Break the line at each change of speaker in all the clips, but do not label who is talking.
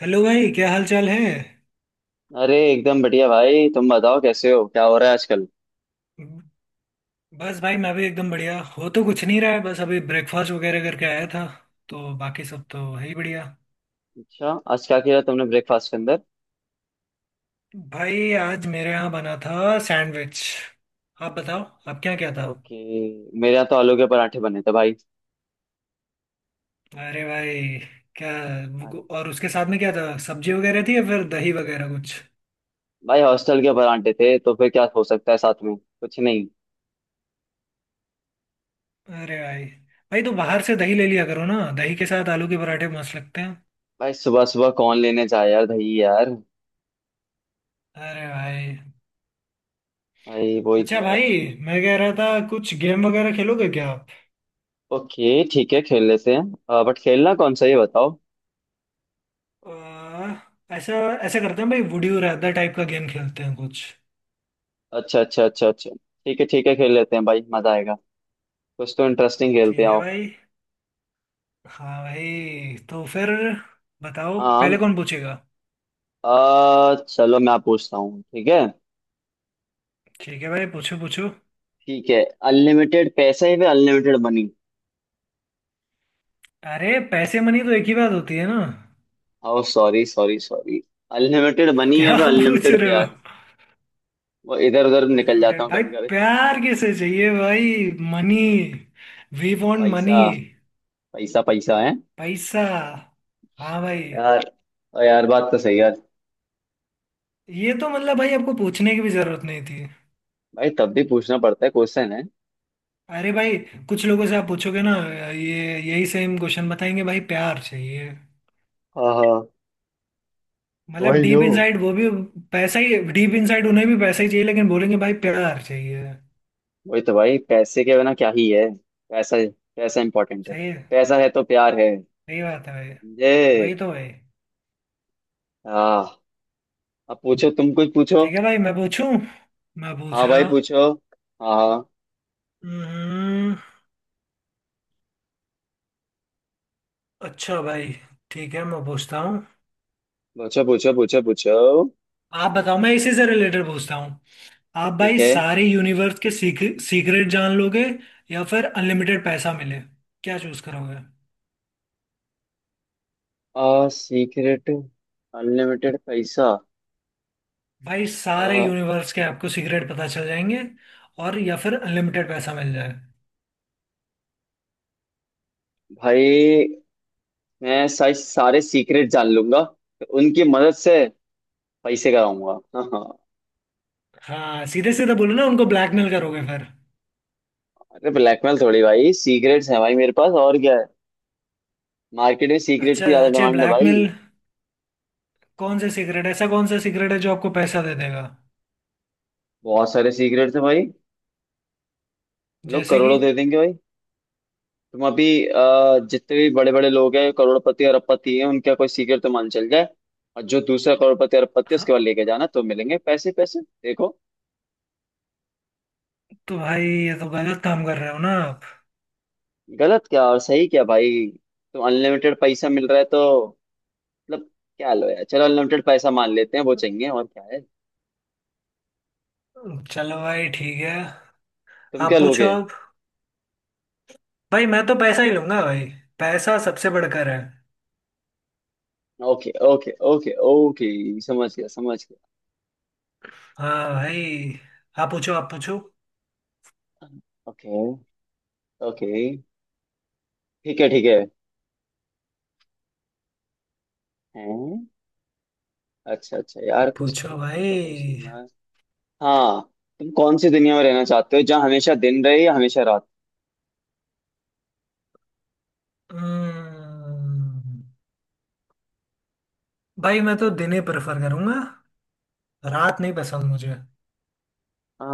Hello भाई, क्या हाल चाल है।
अरे एकदम बढ़िया भाई। तुम बताओ कैसे हो, क्या हो रहा है आजकल।
बस भाई मैं भी एकदम बढ़िया हो, तो कुछ नहीं रहा है। बस अभी ब्रेकफास्ट वगैरह करके आया था, तो बाकी सब तो है ही बढ़िया।
अच्छा, आज क्या किया तुमने ब्रेकफास्ट के अंदर।
भाई आज मेरे यहाँ बना था सैंडविच। आप बताओ, आप क्या क्या था।
ओके। मेरे यहाँ तो आलू के पराठे बने थे भाई।
अरे भाई, क्या।
अरे
और उसके साथ में क्या था, सब्जी वगैरह थी या फिर दही वगैरह कुछ।
भाई। हॉस्टल के पराठे थे तो फिर क्या हो सकता है, साथ में कुछ नहीं।
अरे भाई, भाई तो बाहर से दही ले लिया करो ना। दही के साथ आलू के पराठे मस्त लगते हैं।
भाई सुबह सुबह कौन लेने जाए यार दही यार।
अरे भाई,
भाई वही तो
अच्छा भाई,
यार।
मैं कह रहा था कुछ गेम वगैरह खेलोगे क्या आप।
ओके ठीक है, खेल लेते हैं, बट खेलना कौन सा ये बताओ।
आ, ऐसा ऐसा करते हैं भाई, वुड यू रैदर टाइप का गेम खेलते हैं कुछ।
अच्छा अच्छा अच्छा अच्छा। ठीक है ठीक है, खेल लेते हैं भाई मजा आएगा। कुछ तो इंटरेस्टिंग खेलते हैं
ठीक है
आओ।
भाई। हाँ भाई, तो फिर बताओ
हाँ।
पहले कौन पूछेगा।
चलो मैं पूछता हूँ, ठीक है।
ठीक है भाई, पूछो पूछो।
ठीक है। अनलिमिटेड पैसा है फिर अनलिमिटेड मनी।
अरे, पैसे मनी तो एक ही बात होती है ना।
Oh sorry sorry sorry. Unlimited money या
क्या
फिर
पूछ
अनलिमिटेड
रहे हो।
प्यार। वो इधर उधर निकल
अनलिमिटेड
जाता हूँ
भाई।
कभी कभी।
प्यार किसे चाहिए भाई, मनी। वी वांट
पैसा।
मनी।
पैसा पैसा है।
पैसा, हाँ भाई।
यार, और यार बात तो सही है यार।
ये तो मतलब भाई आपको पूछने की भी जरूरत नहीं थी।
भाई तब भी पूछना पड़ता है, क्वेश्चन है।
अरे भाई, कुछ लोगों से आप पूछोगे ना, ये यही सेम क्वेश्चन बताएंगे, भाई प्यार चाहिए।
हाँ हाँ।
मतलब
वही जो,
डीप इनसाइड वो भी पैसा ही, डीप इनसाइड उन्हें भी पैसा ही चाहिए, लेकिन बोलेंगे भाई प्यार चाहिए।
वही तो भाई पैसे के बिना क्या ही है। पैसा। पैसा इंपॉर्टेंट है।
सही है।
पैसा है तो प्यार है।
सही बात है भाई।
समझे।
वही तो भाई।
हाँ। अब पूछो, तुम कुछ पूछो।
ठीक है भाई, मैं पूछूं। मैं पूछ
हाँ भाई
रहा।
पूछो। हाँ हाँ।
हम्म। अच्छा भाई, ठीक है मैं पूछता हूँ।
पूछो पूछो पूछो पूछो।
आप बताओ, मैं इसी से रिलेटेड पूछता हूँ। आप
ठीक
भाई
है।
सारे यूनिवर्स के सीक्रेट जान लोगे या फिर अनलिमिटेड पैसा मिले, क्या चूज करोगे।
सीक्रेट, अनलिमिटेड पैसा।
भाई सारे
आ,
यूनिवर्स के आपको सीक्रेट पता चल जाएंगे, और या फिर अनलिमिटेड पैसा मिल जाए।
भाई मैं सारे सारे सीक्रेट जान लूंगा तो उनकी मदद से पैसे कराऊंगा। हाँ हाँ।
हाँ सीधे सीधे बोलो ना, उनको ब्लैकमेल करोगे फिर।
अरे ब्लैकमेल थोड़ी भाई, सीक्रेट्स हैं भाई मेरे पास और क्या है। मार्केट में सीक्रेट
अच्छा
की ज्यादा
अच्छा,
डिमांड है भाई।
ब्लैकमेल। कौन से सीक्रेट, ऐसा कौन सा सीक्रेट है जो आपको पैसा दे देगा।
बहुत सारे सीक्रेट्स हैं भाई। लोग
जैसे कि।
करोड़ों दे देंगे भाई। तुम अभी जितने भी बड़े बड़े लोग हैं करोड़पति और अरबपति हैं, उनका कोई सीक्रेट तो मान चल जाए और जो दूसरा करोड़पति अरबपति है उसके
हाँ,
बाद लेके जाना तो मिलेंगे पैसे। पैसे देखो।
तो भाई ये तो गलत काम कर रहे हो ना आप।
गलत क्या और सही क्या भाई। तो अनलिमिटेड पैसा मिल रहा है तो मतलब, क्या लो यार, चलो अनलिमिटेड पैसा मान लेते हैं, वो चाहिए और क्या है।
चलो भाई ठीक है,
तुम
आप
क्या
पूछो
लोगे।
अब। भाई मैं तो पैसा ही लूंगा भाई, पैसा सबसे बढ़कर है।
ओके ओके ओके ओके, समझ गया समझ गया।
हाँ भाई, आप पूछो आप पूछो।
Okay okay. ठीक है ठीक है। हैं। अच्छा अच्छा यार, कुछ
पूछो
दिमाग का
भाई।
क्वेश्चन यार। हाँ। तुम कौन सी दुनिया में रहना चाहते हो, जहाँ हमेशा दिन रहे या हमेशा रात।
हम्म। भाई मैं तो दिन ही प्रेफर करूंगा, रात नहीं पसंद मुझे।
आ,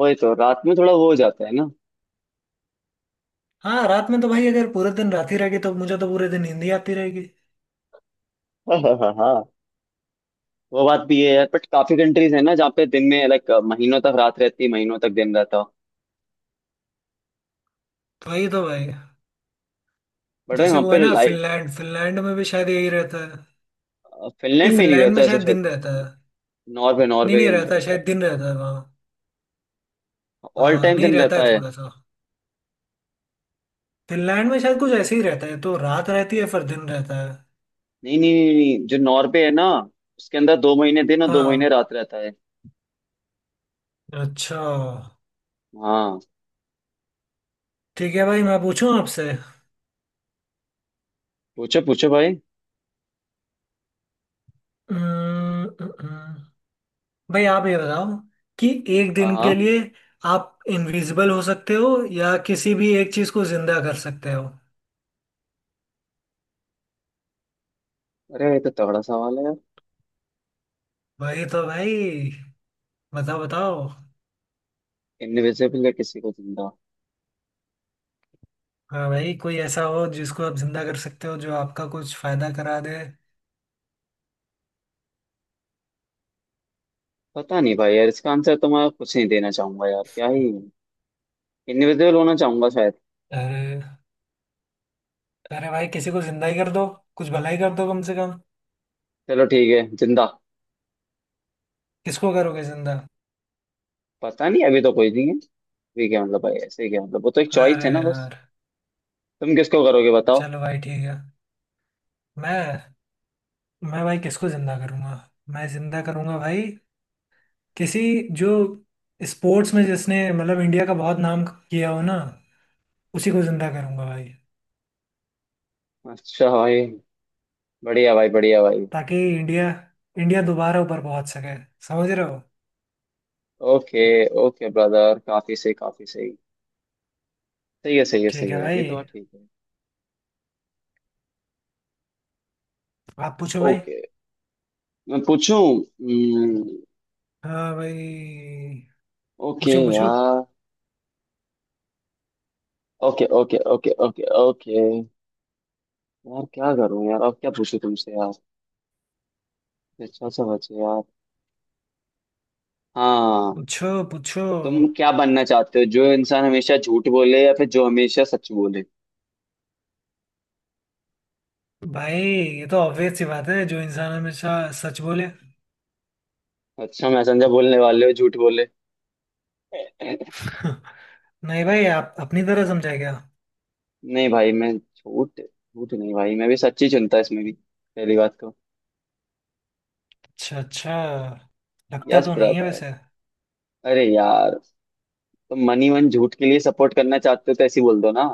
वही तो, रात में थोड़ा वो हो जाता है ना।
हाँ रात में तो भाई, अगर पूरे दिन रात ही रहेगी तो मुझे तो पूरे दिन नींद ही आती रहेगी।
हाँ हाँ हाँ। वो बात भी है यार, बट काफी कंट्रीज है ना जहाँ पे दिन में लाइक महीनों तक रात रहती, महीनों तक दिन रहता।
तो वही तो भाई।
बट भाई
जैसे
वहाँ
वो है
पे
ना
लाइट।
फिनलैंड, फिनलैंड में भी शायद यही रहता है। नहीं,
फिनलैंड में नहीं
फिनलैंड
रहता
में
ऐसा
शायद
शायद।
दिन रहता है।
नॉर्वे,
नहीं
नॉर्वे के
नहीं रहता
अंदर
है, शायद दिन रहता है वहाँ।
ऑल
हाँ,
टाइम
नहीं
दिन
रहता
रहता
है
है।
थोड़ा सा। फिनलैंड में शायद कुछ ऐसे ही रहता है, तो रात रहती है फिर दिन रहता है।
नहीं नहीं नहीं नहीं, जो नॉर्वे है ना उसके अंदर 2 महीने दिन और 2 महीने
हाँ,
रात रहता है।
अच्छा।
हाँ।
ठीक है भाई, मैं पूछूं आपसे।
पूछो पूछो भाई।
हम्म, हम्म, हम्म। भाई आप ये बताओ, कि एक
हाँ
दिन के
हाँ।
लिए आप इनविजिबल हो सकते हो या किसी भी एक चीज को जिंदा कर सकते हो।
अरे ये तो तगड़ा सवाल है यार।
वही तो भाई, बताओ बताओ।
इनविजिबल है किसी को जिंदा।
हाँ भाई, कोई ऐसा हो जिसको आप जिंदा कर सकते हो जो आपका कुछ फायदा करा दे।
पता नहीं भाई यार, इसका आंसर तो मैं कुछ नहीं देना चाहूंगा यार, क्या ही। इनविजिबल होना चाहूंगा शायद।
अरे, अरे भाई किसी को जिंदा ही कर दो, कुछ भलाई कर दो कम से कम।
चलो ठीक है जिंदा।
किसको करोगे जिंदा।
पता नहीं, अभी तो कोई नहीं है। ये क्या मतलब भाई, ऐसे क्या मतलब, वो तो एक चॉइस
अरे
है ना बस।
यार,
तुम किसको करोगे बताओ।
चलो भाई ठीक है। मैं मैं भाई किसको जिंदा करूंगा। मैं जिंदा करूंगा भाई, किसी जो स्पोर्ट्स में जिसने मतलब इंडिया का बहुत नाम किया हो ना, उसी को जिंदा करूंगा भाई।
अच्छा भाई, बढ़िया भाई बढ़िया भाई।
ताकि इंडिया, इंडिया दोबारा ऊपर पहुंच सके, समझ रहे हो।
ओके ओके ब्रदर, काफी सही काफी सही। सही है सही है
ठीक
सही
है
है, ये
भाई,
तो बात ठीक है।
आप पूछो भाई।
ओके मैं पूछूं। हम्म,
हाँ भाई,
ओके
पूछो पूछो
यार। Okay okay okay okay okay. यार क्या करूं यार, अब क्या पूछूं तुमसे यार। अच्छा सा बचे यार। हाँ।
पूछो पूछो।
तुम क्या बनना चाहते हो, जो इंसान हमेशा झूठ बोले या फिर जो हमेशा सच बोले।
भाई ये तो ऑब्वियस सी बात है, जो इंसान हमेशा सच बोले।
अच्छा, मैसेंजर बोलने वाले हो झूठ बोले।
नहीं भाई, आप अपनी तरह समझाए क्या।
नहीं भाई, मैं झूठ झूठ नहीं भाई, मैं भी सच्ची चुनता, इसमें भी पहली बात तो।
अच्छा अच्छा, लगता
यस
तो नहीं है
ब्रदर।
वैसे।
अरे यार, तुम मनी मन ही मन झूठ के लिए सपोर्ट करना चाहते हो तो ऐसे ही बोल दो ना।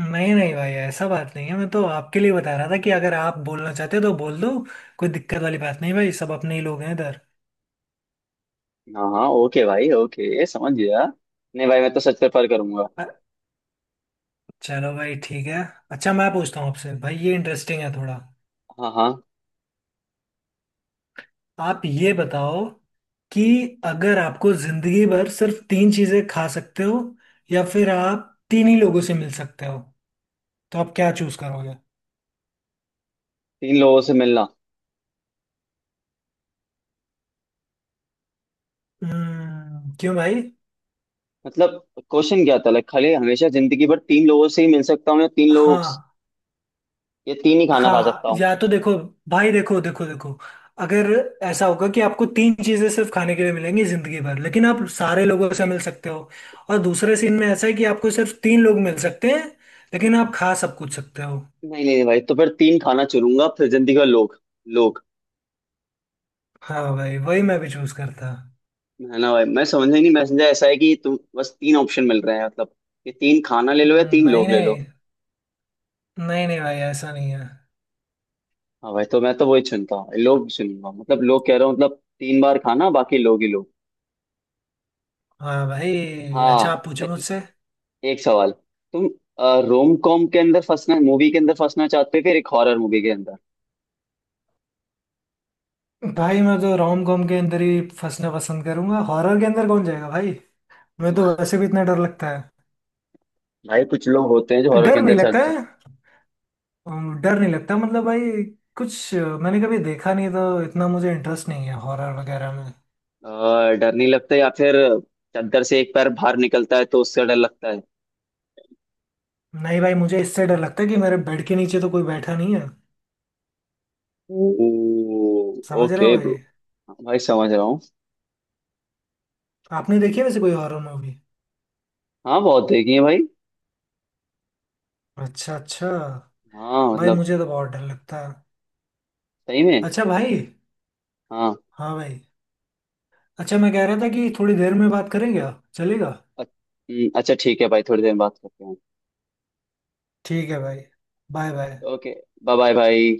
नहीं नहीं भाई, ऐसा बात नहीं है, मैं तो आपके लिए बता रहा था कि अगर आप बोलना चाहते हो तो बोल दो। कोई दिक्कत वाली बात नहीं भाई, सब अपने ही लोग हैं इधर।
हाँ हाँ ओके भाई, ओके समझ गया। नहीं भाई मैं तो सच प्रेफर करूंगा।
अ- चलो भाई ठीक है। अच्छा मैं पूछता हूँ आपसे भाई, ये इंटरेस्टिंग है थोड़ा।
हाँ हाँ।
आप ये बताओ कि अगर आपको जिंदगी भर सिर्फ तीन चीजें खा सकते हो, या फिर आप तीन ही लोगों से मिल सकते हो, तो आप क्या चूज करोगे।
तीन लोगों से मिलना।
हम्म, क्यों भाई।
मतलब क्वेश्चन क्या था, लाइक खाली हमेशा जिंदगी भर तीन लोगों से ही मिल सकता हूँ, या तीन लोग
हाँ
या तीन ही खाना खा
हाँ,
सकता हूँ।
या तो देखो भाई, देखो देखो देखो, अगर ऐसा होगा कि आपको तीन चीजें सिर्फ खाने के लिए मिलेंगी जिंदगी भर लेकिन आप सारे लोगों से मिल सकते हो, और दूसरे सीन में ऐसा है कि आपको सिर्फ तीन लोग मिल सकते हैं लेकिन आप खा सब कुछ सकते हो।
नहीं नहीं नहीं भाई तो फिर तीन खाना चुनूंगा, फिर जिंदगी भर लोग।
हाँ भाई, वही मैं भी चूज करता।
है ना भाई, मैं समझ ही नहीं, मैसेंजर ऐसा है कि तुम बस तीन ऑप्शन मिल रहे हैं, मतलब कि तीन खाना ले लो या तीन
नहीं
लोग ले लो।
नहीं, नहीं नहीं भाई ऐसा नहीं है।
हाँ भाई, तो मैं तो वही चुनता हूँ, लोग चुनूंगा मतलब, लोग कह रहा हूँ मतलब, 3 बार खाना, बाकी लोग ही लोग।
हाँ भाई, अच्छा
हाँ
आप पूछो मुझसे।
एक सवाल। तुम रोम कॉम के अंदर फंसना, मूवी के अंदर फंसना चाहते हो फिर एक हॉरर मूवी के अंदर।
भाई मैं तो रोम कॉम के अंदर ही फंसना पसंद करूंगा, हॉरर के अंदर कौन जाएगा भाई। मैं तो वैसे भी इतना डर लगता है।
भाई कुछ लोग होते हैं जो हॉरर के
डर
अंदर
नहीं लगता
चर्चा।
है, डर नहीं लगता मतलब भाई, मैंने कभी देखा नहीं तो इतना मुझे इंटरेस्ट नहीं है हॉरर वगैरह में।
अ, डर नहीं लगता, या फिर चादर से एक पैर बाहर निकलता है तो उससे डर लगता है।
नहीं भाई, मुझे इससे डर लगता है कि मेरे बेड के नीचे तो कोई बैठा नहीं है, समझ रहे हो
ओके
भाई।
ब्रो, भाई समझ रहा हूँ।
आपने देखी है वैसे कोई हॉरर मूवी।
हाँ बहुत देखी है भाई।
अच्छा अच्छा।
हाँ
भाई
मतलब।
मुझे तो बहुत डर लगता है।
सही में।
अच्छा भाई।
हाँ।
हाँ भाई। अच्छा मैं कह रहा था कि थोड़ी देर में बात करें, क्या चलेगा।
अ- अच्छा ठीक है भाई, थोड़ी देर में बात करते हैं।
ठीक है भाई, bye bye.
Okay. Bye bye भाई।